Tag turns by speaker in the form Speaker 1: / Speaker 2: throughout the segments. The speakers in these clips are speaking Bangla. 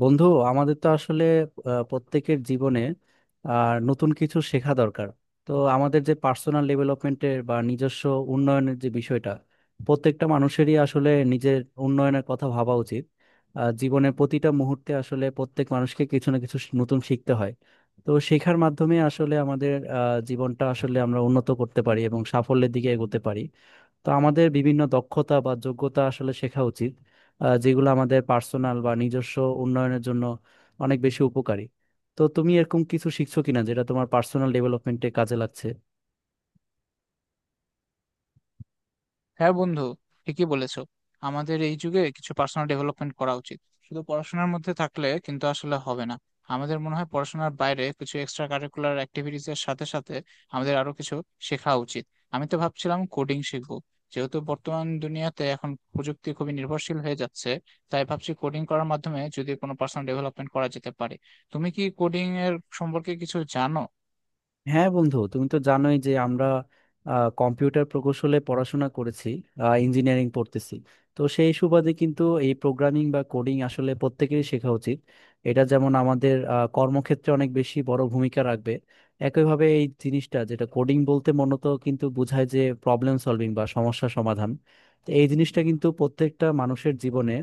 Speaker 1: বন্ধু, আমাদের তো আসলে প্রত্যেকের জীবনে নতুন কিছু শেখা দরকার। তো আমাদের যে পার্সোনাল ডেভেলপমেন্টের বা নিজস্ব উন্নয়নের যে বিষয়টা, প্রত্যেকটা মানুষেরই আসলে নিজের উন্নয়নের কথা ভাবা উচিত। জীবনের প্রতিটা মুহূর্তে আসলে প্রত্যেক মানুষকে কিছু না কিছু নতুন শিখতে হয়। তো শেখার মাধ্যমে আসলে আমাদের জীবনটা আসলে আমরা উন্নত করতে পারি এবং সাফল্যের দিকে এগোতে পারি। তো আমাদের বিভিন্ন দক্ষতা বা যোগ্যতা আসলে শেখা উচিত, যেগুলো আমাদের পার্সোনাল বা নিজস্ব উন্নয়নের জন্য অনেক বেশি উপকারী। তো তুমি এরকম কিছু শিখছো কিনা যেটা তোমার পার্সোনাল ডেভেলপমেন্টে কাজে লাগছে?
Speaker 2: হ্যাঁ বন্ধু, ঠিকই বলেছো। আমাদের এই যুগে কিছু পার্সোনাল ডেভেলপমেন্ট করা উচিত। শুধু পড়াশোনার মধ্যে থাকলে কিন্তু আসলে হবে না। আমাদের মনে হয় পড়াশোনার বাইরে কিছু এক্সট্রা কারিকুলার অ্যাক্টিভিটিস এর সাথে সাথে আমাদের আরো কিছু শেখা উচিত। আমি তো ভাবছিলাম কোডিং শিখবো, যেহেতু বর্তমান দুনিয়াতে এখন প্রযুক্তি খুবই নির্ভরশীল হয়ে যাচ্ছে। তাই ভাবছি কোডিং করার মাধ্যমে যদি কোনো পার্সোনাল ডেভেলপমেন্ট করা যেতে পারে। তুমি কি কোডিং এর সম্পর্কে কিছু জানো?
Speaker 1: হ্যাঁ বন্ধু, তুমি তো জানোই যে আমরা কম্পিউটার প্রকৌশলে পড়াশোনা করেছি, ইঞ্জিনিয়ারিং পড়তেছি। তো সেই সুবাদে কিন্তু এই প্রোগ্রামিং বা কোডিং আসলে প্রত্যেকেরই শেখা উচিত। এটা যেমন আমাদের কর্মক্ষেত্রে অনেক বেশি বড় ভূমিকা রাখবে, একইভাবে এই জিনিসটা যেটা কোডিং বলতে মূলত কিন্তু বোঝায় যে প্রবলেম সলভিং বা সমস্যা সমাধান। তো এই জিনিসটা কিন্তু প্রত্যেকটা মানুষের জীবনে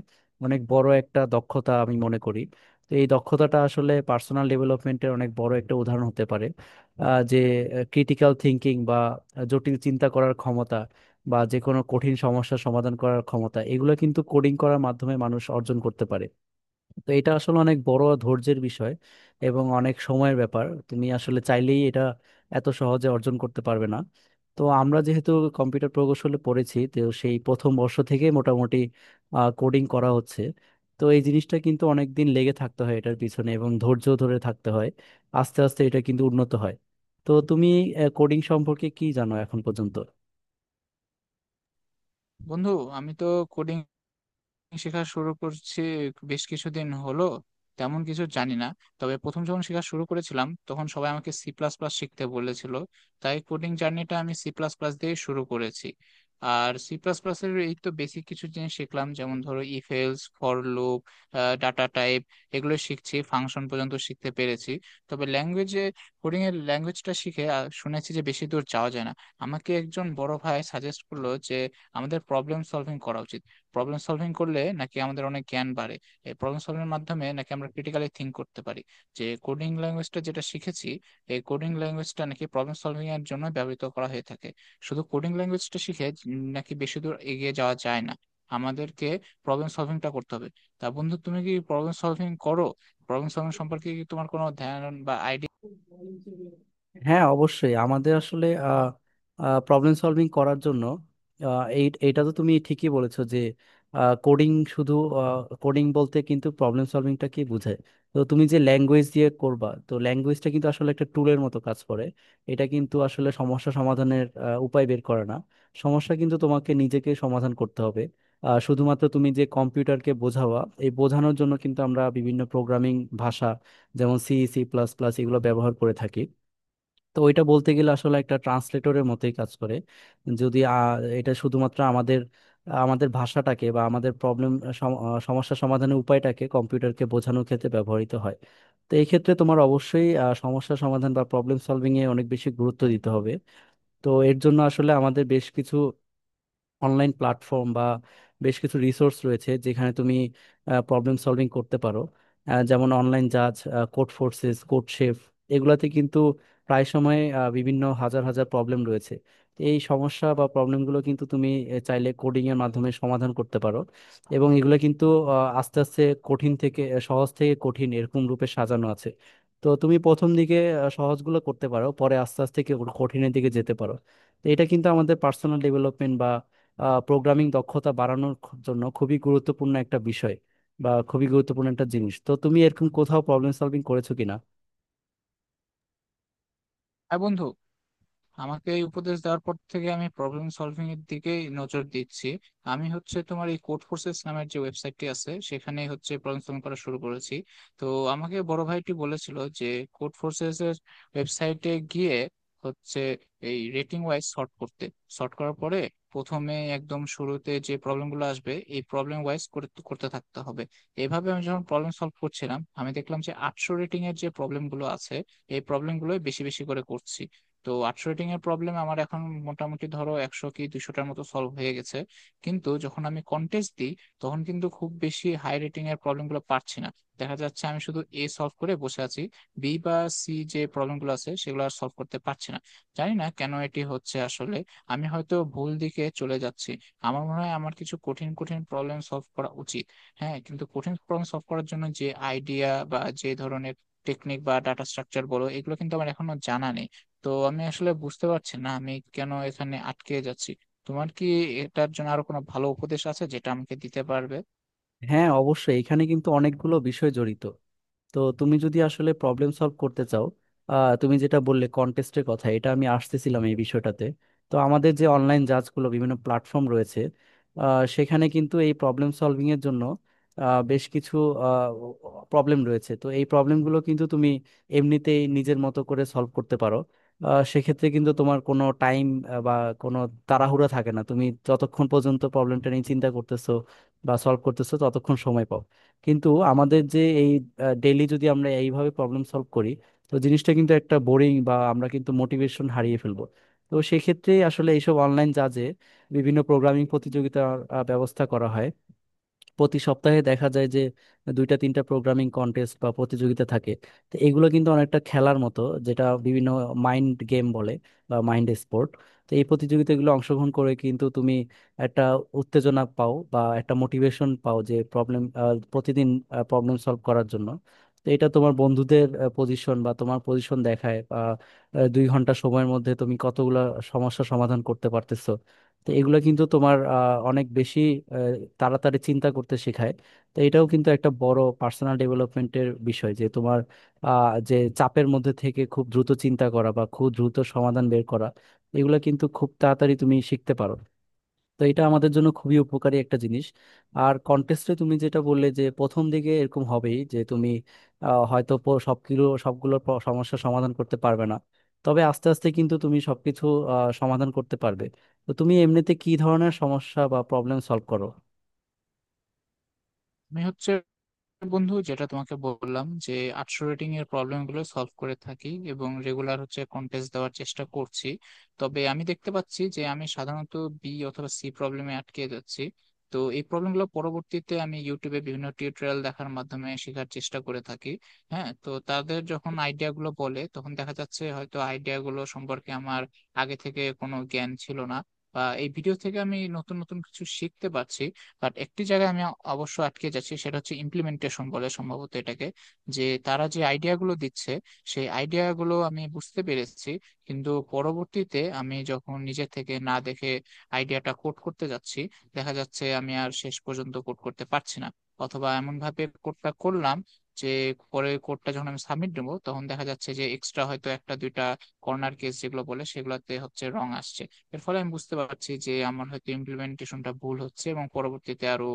Speaker 1: অনেক বড় একটা দক্ষতা আমি মনে করি। তো এই দক্ষতাটা আসলে পার্সোনাল ডেভেলপমেন্টের অনেক বড় একটা উদাহরণ হতে পারে। যে ক্রিটিক্যাল থিঙ্কিং বা জটিল চিন্তা করার ক্ষমতা, বা যে কোনো কঠিন সমস্যার সমাধান করার ক্ষমতা, এগুলো কিন্তু কোডিং করার মাধ্যমে মানুষ অর্জন করতে পারে। তো এটা আসলে অনেক বড় ধৈর্যের বিষয় এবং অনেক সময়ের ব্যাপার, তুমি আসলে চাইলেই এটা এত সহজে অর্জন করতে পারবে না। তো আমরা যেহেতু কম্পিউটার প্রকৌশলে পড়েছি, তো সেই প্রথম বর্ষ থেকে মোটামুটি কোডিং করা হচ্ছে। তো এই জিনিসটা কিন্তু অনেক দিন লেগে থাকতে হয় এটার পিছনে, এবং ধৈর্য ধরে থাকতে হয়। আস্তে আস্তে এটা কিন্তু উন্নত হয়। তো তুমি কোডিং সম্পর্কে কি জানো এখন পর্যন্ত?
Speaker 2: বন্ধু, আমি তো কোডিং শেখা শুরু করছি বেশ কিছুদিন হলো, তেমন কিছু জানি না। তবে প্রথম যখন শেখা শুরু করেছিলাম তখন সবাই আমাকে সি প্লাস প্লাস শিখতে বলেছিল। তাই কোডিং জার্নিটা আমি সি প্লাস প্লাস দিয়ে শুরু করেছি। আর সি প্লাস প্লাস এর এই তো বেসিক কিছু জিনিস শিখলাম, যেমন ধরো if else for loop, data type, এগুলো শিখছি, ফাংশন পর্যন্ত শিখতে পেরেছি। তবে ল্যাঙ্গুয়েজে কোডিং এর ল্যাঙ্গুয়েজটা শিখে শুনেছি যে বেশি দূর যাওয়া যায় না। আমাকে একজন বড় ভাই সাজেস্ট করলো যে আমাদের প্রবলেম সলভিং করা উচিত। প্রবলেম সলভিং করলে নাকি আমাদের অনেক জ্ঞান বাড়ে। এই প্রবলেম সলভিং এর মাধ্যমে নাকি আমরা ক্রিটিক্যালি থিঙ্ক করতে পারি। যে কোডিং ল্যাঙ্গুয়েজটা যেটা শিখেছি, এই কোডিং ল্যাঙ্গুয়েজটা নাকি প্রবলেম সলভিং এর জন্য ব্যবহৃত করা হয়ে থাকে। শুধু কোডিং ল্যাঙ্গুয়েজটা শিখে নাকি বেশি দূর এগিয়ে যাওয়া যায় না। আমাদেরকে প্রবলেম সলভিংটা করতে হবে। তা বন্ধু, তুমি কি প্রবলেম সলভিং করো? প্রবলেম সলভিং সম্পর্কে কি তোমার কোনো ধ্যান বা আইডিয়া?
Speaker 1: হ্যাঁ অবশ্যই, আমাদের আসলে প্রবলেম সলভিং করার জন্য এই এটা তো তুমি ঠিকই বলেছো যে কোডিং শুধু, কোডিং বলতে কিন্তু প্রবলেম সলভিংটা কি বোঝায়। তো তুমি যে ল্যাঙ্গুয়েজ দিয়ে করবা, তো ল্যাঙ্গুয়েজটা কিন্তু আসলে একটা টুলের মতো কাজ করে। এটা কিন্তু আসলে সমস্যা সমাধানের উপায় বের করে না। সমস্যা কিন্তু তোমাকে নিজেকে সমাধান করতে হবে। শুধুমাত্র তুমি যে কম্পিউটারকে বোঝাওয়া, এই বোঝানোর জন্য কিন্তু আমরা বিভিন্ন প্রোগ্রামিং ভাষা, যেমন সি, সি প্লাস প্লাস, এগুলো ব্যবহার করে থাকি। তো ওইটা বলতে গেলে আসলে একটা ট্রান্সলেটরের মতোই কাজ করে যদি এটা শুধুমাত্র আমাদের আমাদের ভাষাটাকে বা আমাদের প্রবলেম, সমস্যা সমাধানের উপায়টাকে কম্পিউটারকে বোঝানোর ক্ষেত্রে ব্যবহৃত হয়। তো এই ক্ষেত্রে তোমার অবশ্যই সমস্যা সমাধান বা প্রবলেম সলভিং এ অনেক বেশি গুরুত্ব দিতে হবে। তো এর জন্য আসলে আমাদের বেশ কিছু অনলাইন প্ল্যাটফর্ম বা বেশ কিছু রিসোর্স রয়েছে যেখানে তুমি প্রবলেম সলভিং করতে পারো। যেমন অনলাইন জাজ, কোড ফোর্সেস, কোড শেফ, এগুলাতে কিন্তু প্রায় সময় বিভিন্ন হাজার হাজার প্রবলেম রয়েছে। তো এই সমস্যা বা প্রবলেমগুলো কিন্তু তুমি চাইলে কোডিং এর মাধ্যমে সমাধান করতে পারো। এবং এগুলো কিন্তু আহ, আস্তে আস্তে কঠিন থেকে সহজ থেকে কঠিন এরকম রূপে সাজানো আছে। তো তুমি প্রথম দিকে সহজগুলো করতে পারো, পরে আস্তে আস্তে কঠিনের দিকে যেতে পারো। তো এটা কিন্তু আমাদের পার্সোনাল ডেভেলপমেন্ট, প্রোগ্রামিং দক্ষতা বাড়ানোর জন্য খুবই গুরুত্বপূর্ণ একটা বিষয় বা খুবই গুরুত্বপূর্ণ একটা জিনিস। তো তুমি এরকম কোথাও প্রবলেম সলভিং করেছো কিনা?
Speaker 2: হ্যাঁ বন্ধু, আমাকে এই উপদেশ দেওয়ার পর থেকে আমি প্রবলেম সলভিং এর দিকেই নজর দিচ্ছি। আমি হচ্ছে তোমার এই কোড ফোর্সেস নামের যে ওয়েবসাইটটি আছে সেখানে হচ্ছে প্রবলেম সলভিং করা শুরু করেছি। তো আমাকে বড় ভাইটি বলেছিল যে কোড ফোর্সেস এর ওয়েবসাইটে গিয়ে হচ্ছে এই রেটিং ওয়াইজ সর্ট করতে। সর্ট করার পরে প্রথমে একদম শুরুতে যে প্রবলেমগুলো আসবে এই প্রবলেম ওয়াইজ করতে করতে থাকতে হবে। এভাবে আমি যখন প্রবলেম সলভ করছিলাম আমি দেখলাম যে 800 রেটিং এর যে প্রবলেমগুলো আছে এই প্রবলেমগুলো বেশি বেশি করে করছি। তো 800 রেটিং এর প্রবলেম আমার এখন মোটামুটি ধরো 100 কি 200টার মতো সলভ হয়ে গেছে। কিন্তু যখন আমি কন্টেস্ট দিই তখন কিন্তু খুব বেশি হাই রেটিং এর প্রবলেম গুলো পারছি না। দেখা যাচ্ছে আমি শুধু এ সলভ করে বসে আছি। বি বা সি যে প্রবলেম গুলো আছে সেগুলো আর সলভ করতে পারছি না। জানি না কেন এটি হচ্ছে। আসলে আমি হয়তো ভুল দিকে চলে যাচ্ছি। আমার মনে হয় আমার কিছু কঠিন কঠিন প্রবলেম সলভ করা উচিত। হ্যাঁ, কিন্তু কঠিন প্রবলেম সলভ করার জন্য যে আইডিয়া বা যে ধরনের টেকনিক বা ডাটা স্ট্রাকচার বলো, এগুলো কিন্তু আমার এখনো জানা নেই। তো আমি আসলে বুঝতে পারছি না আমি কেন এখানে আটকে যাচ্ছি। তোমার কি এটার জন্য আরো কোনো ভালো উপদেশ আছে যেটা আমাকে দিতে পারবে?
Speaker 1: হ্যাঁ অবশ্যই, এখানে কিন্তু অনেকগুলো বিষয় জড়িত। তো তুমি যদি আসলে প্রবলেম সলভ করতে চাও, তুমি যেটা বললে কন্টেস্টের কথা, এটা আমি আসতেছিলাম এই বিষয়টাতে। তো আমাদের যে অনলাইন জাজগুলো, বিভিন্ন প্ল্যাটফর্ম রয়েছে, সেখানে কিন্তু এই প্রবলেম সলভিং এর জন্য বেশ কিছু প্রবলেম রয়েছে। তো এই প্রবলেমগুলো কিন্তু তুমি এমনিতেই নিজের মতো করে সলভ করতে পারো। সেক্ষেত্রে কিন্তু তোমার কোনো টাইম বা কোনো তাড়াহুড়া থাকে না, তুমি যতক্ষণ পর্যন্ত প্রবলেমটা নিয়ে চিন্তা করতেছো বা সলভ করতেছো ততক্ষণ সময় পাও। কিন্তু আমাদের যে এই ডেইলি যদি আমরা এইভাবে প্রবলেম সলভ করি, তো জিনিসটা কিন্তু একটা বোরিং বা আমরা কিন্তু মোটিভেশন হারিয়ে ফেলবো। তো সেক্ষেত্রে আসলে এইসব অনলাইন জাজে বিভিন্ন প্রোগ্রামিং প্রতিযোগিতার ব্যবস্থা করা হয়। প্রতি সপ্তাহে দেখা যায় যে দুইটা তিনটা প্রোগ্রামিং কন্টেস্ট বা প্রতিযোগিতা থাকে। তো এগুলো কিন্তু অনেকটা খেলার মতো, যেটা বিভিন্ন মাইন্ড গেম বলে বা মাইন্ড স্পোর্ট। তো এই প্রতিযোগিতাগুলো অংশগ্রহণ করে কিন্তু তুমি একটা উত্তেজনা পাও বা একটা মোটিভেশন পাও যে প্রবলেম, প্রতিদিন প্রবলেম সলভ করার জন্য। তো এটা তোমার বন্ধুদের পজিশন বা তোমার পজিশন দেখায় বা দুই ঘন্টা সময়ের মধ্যে তুমি কতগুলা সমস্যা সমাধান করতে পারতেছো। তো এগুলো কিন্তু তোমার অনেক বেশি আহ, তাড়াতাড়ি চিন্তা করতে শেখায়। তো এটাও কিন্তু একটা বড় পার্সোনাল ডেভেলপমেন্টের বিষয়, যে তোমার যে চাপের মধ্যে থেকে খুব দ্রুত চিন্তা করা বা খুব দ্রুত সমাধান বের করা, এগুলো কিন্তু খুব তাড়াতাড়ি তুমি শিখতে পারো। তো এটা আমাদের জন্য খুবই উপকারী একটা জিনিস। আর কন্টেস্টে তুমি যেটা বললে যে প্রথম দিকে এরকম হবেই যে তুমি হয়তো প- সবগুলো সবগুলো সমস্যা সমাধান করতে পারবে না। তবে আস্তে আস্তে কিন্তু তুমি সবকিছু সমাধান করতে পারবে। তো তুমি এমনিতে কি ধরনের সমস্যা বা প্রবলেম সলভ করো?
Speaker 2: আমি হচ্ছে বন্ধু, যেটা তোমাকে বললাম যে 800 রেটিং এর প্রবলেম গুলো সলভ করে থাকি এবং রেগুলার হচ্ছে কন্টেস্ট দেওয়ার চেষ্টা করছি। তবে আমি দেখতে পাচ্ছি যে আমি সাধারণত বি অথবা সি প্রবলেমে আটকে যাচ্ছি। তো এই প্রবলেম গুলো পরবর্তীতে আমি ইউটিউবে বিভিন্ন টিউটোরিয়াল দেখার মাধ্যমে শেখার চেষ্টা করে থাকি। হ্যাঁ, তো তাদের যখন আইডিয়া গুলো বলে তখন দেখা যাচ্ছে হয়তো আইডিয়া গুলো সম্পর্কে আমার আগে থেকে কোনো জ্ঞান ছিল না, বা এই ভিডিও থেকে আমি নতুন নতুন কিছু শিখতে পারছি। বাট একটি জায়গায় আমি অবশ্য আটকে যাচ্ছি, সেটা হচ্ছে ইমপ্লিমেন্টেশন বলে সম্ভবত এটাকে। যে তারা যে আইডিয়া গুলো দিচ্ছে সেই আইডিয়া গুলো আমি বুঝতে পেরেছি, কিন্তু পরবর্তীতে আমি যখন নিজে থেকে না দেখে আইডিয়াটা কোড করতে যাচ্ছি, দেখা যাচ্ছে আমি আর শেষ পর্যন্ত কোড করতে পারছি না। অথবা এমন ভাবে কোডটা করলাম যে পরে কোডটা যখন আমি সাবমিট দেবো তখন দেখা যাচ্ছে যে এক্সট্রা হয়তো একটা দুইটা কর্নার কেস, যেগুলো বলে সেগুলোতে হচ্ছে রং আসছে। এর ফলে আমি বুঝতে পারছি যে আমার হয়তো ইমপ্লিমেন্টেশনটা ভুল হচ্ছে, এবং পরবর্তীতে আরো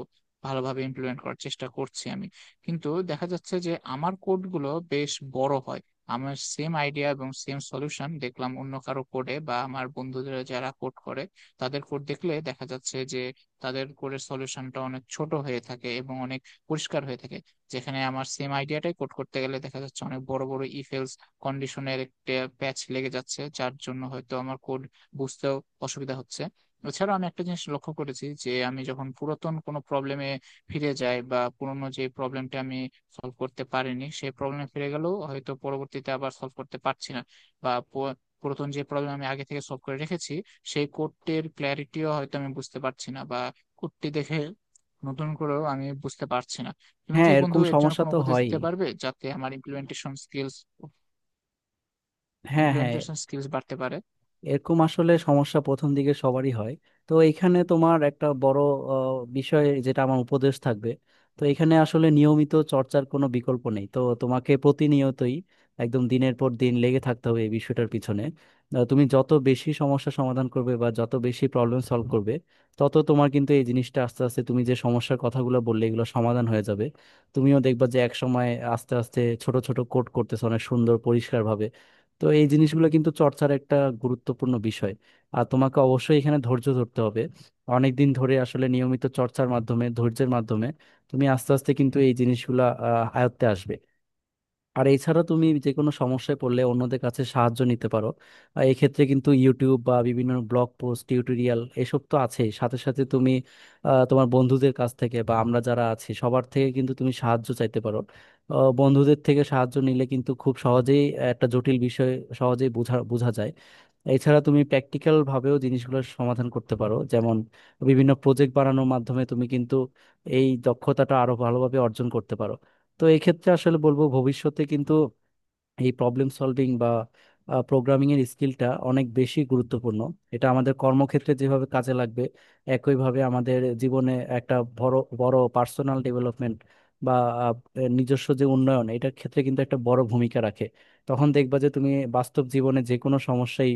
Speaker 2: ভালোভাবে ইমপ্লিমেন্ট করার চেষ্টা করছি আমি। কিন্তু দেখা যাচ্ছে যে আমার কোডগুলো বেশ বড় হয়। আমার সেম আইডিয়া এবং সেম সলিউশন দেখলাম অন্য কারো কোডে বা আমার বন্ধুদের যারা কোড করে, তাদের কোড দেখলে দেখা যাচ্ছে যে তাদের কোডের সলিউশনটা অনেক ছোট হয়ে থাকে এবং অনেক পরিষ্কার হয়ে থাকে। যেখানে আমার সেম আইডিয়াটাই কোড করতে গেলে দেখা যাচ্ছে অনেক বড় বড় ইফেলস কন্ডিশনের একটা প্যাচ লেগে যাচ্ছে, যার জন্য হয়তো আমার কোড বুঝতেও অসুবিধা হচ্ছে। এছাড়াও আমি একটা জিনিস লক্ষ্য করেছি যে আমি যখন পুরাতন কোনো প্রবলেমে ফিরে যাই বা পুরনো যে প্রবলেমটা আমি সলভ করতে পারিনি সেই প্রবলেমে ফিরে গেলেও হয়তো পরবর্তীতে আবার সলভ করতে পারছি না। বা পুরাতন যে প্রবলেম আমি আগে থেকে সলভ করে রেখেছি সেই কোডটির ক্ল্যারিটিও হয়তো আমি বুঝতে পারছি না, বা কোডটি দেখে নতুন করেও আমি বুঝতে পারছি না। তুমি
Speaker 1: হ্যাঁ,
Speaker 2: কি বন্ধু
Speaker 1: এরকম
Speaker 2: এর জন্য
Speaker 1: সমস্যা
Speaker 2: কোনো
Speaker 1: তো
Speaker 2: উপদেশ
Speaker 1: হয়ই।
Speaker 2: দিতে পারবে যাতে আমার ইমপ্লিমেন্টেশন স্কিলস
Speaker 1: হ্যাঁ, হ্যাঁ।
Speaker 2: ইমপ্লিমেন্টেশন স্কিলস বাড়তে পারে?
Speaker 1: এরকম আসলে সমস্যা প্রথম দিকে সবারই হয়। তো এখানে তোমার একটা বড় বিষয় যেটা আমার উপদেশ থাকবে। তো এখানে আসলে নিয়মিত চর্চার কোনো বিকল্প নেই, তো তোমাকে প্রতিনিয়তই একদম দিনের পর দিন লেগে থাকতে হবে এই বিষয়টার পিছনে। তুমি যত বেশি সমস্যা সমাধান করবে বা যত বেশি প্রবলেম সলভ করবে, তত তোমার কিন্তু এই জিনিসটা আস্তে আস্তে, তুমি যে সমস্যার কথাগুলো বললে, এগুলো সমাধান হয়ে যাবে। তুমিও দেখবা যে এক সময় আস্তে আস্তে ছোট ছোট কোড করতেছো অনেক সুন্দর পরিষ্কারভাবে। তো এই জিনিসগুলো কিন্তু চর্চার একটা গুরুত্বপূর্ণ বিষয়। আর তোমাকে অবশ্যই এখানে ধৈর্য ধরতে হবে। অনেক দিন ধরে আসলে নিয়মিত চর্চার মাধ্যমে, ধৈর্যের মাধ্যমে তুমি আস্তে আস্তে কিন্তু এই জিনিসগুলা আয়ত্তে আসবে। আর এছাড়া তুমি যে কোনো সমস্যায় পড়লে অন্যদের কাছে সাহায্য নিতে পারো। আর এক্ষেত্রে কিন্তু ইউটিউব বা বিভিন্ন ব্লগ পোস্ট, টিউটোরিয়াল এসব তো আছেই, সাথে সাথে তুমি তোমার বন্ধুদের কাছ থেকে বা আমরা যারা আছি সবার থেকে কিন্তু তুমি সাহায্য চাইতে পারো। বন্ধুদের থেকে সাহায্য নিলে কিন্তু খুব সহজেই একটা জটিল বিষয় সহজেই বোঝা বোঝা যায়। এছাড়া তুমি প্র্যাকটিক্যাল ভাবেও জিনিসগুলোর সমাধান করতে পারো, যেমন বিভিন্ন প্রজেক্ট বানানোর মাধ্যমে তুমি কিন্তু এই দক্ষতাটা আরো ভালোভাবে অর্জন করতে পারো। তো এক্ষেত্রে আসলে বলবো, ভবিষ্যতে কিন্তু এই প্রবলেম সলভিং বা প্রোগ্রামিং এর স্কিলটা অনেক বেশি গুরুত্বপূর্ণ। এটা আমাদের কর্মক্ষেত্রে যেভাবে কাজে লাগবে, একইভাবে আমাদের জীবনে একটা বড় বড় পার্সোনাল ডেভেলপমেন্ট বা আহ, নিজস্ব যে উন্নয়ন, এটার ক্ষেত্রে কিন্তু একটা বড় ভূমিকা রাখে। তখন দেখবা যে তুমি বাস্তব জীবনে যে কোনো সমস্যায়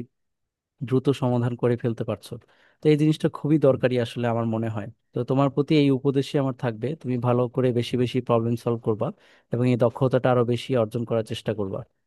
Speaker 1: দ্রুত সমাধান করে ফেলতে পারছো। তো এই জিনিসটা খুবই দরকারি আসলে আমার মনে হয়। তো তোমার প্রতি এই উপদেশই আমার থাকবে, তুমি ভালো করে বেশি বেশি প্রবলেম সলভ করবা এবং এই দক্ষতাটা আরো বেশি অর্জন করার চেষ্টা করবা।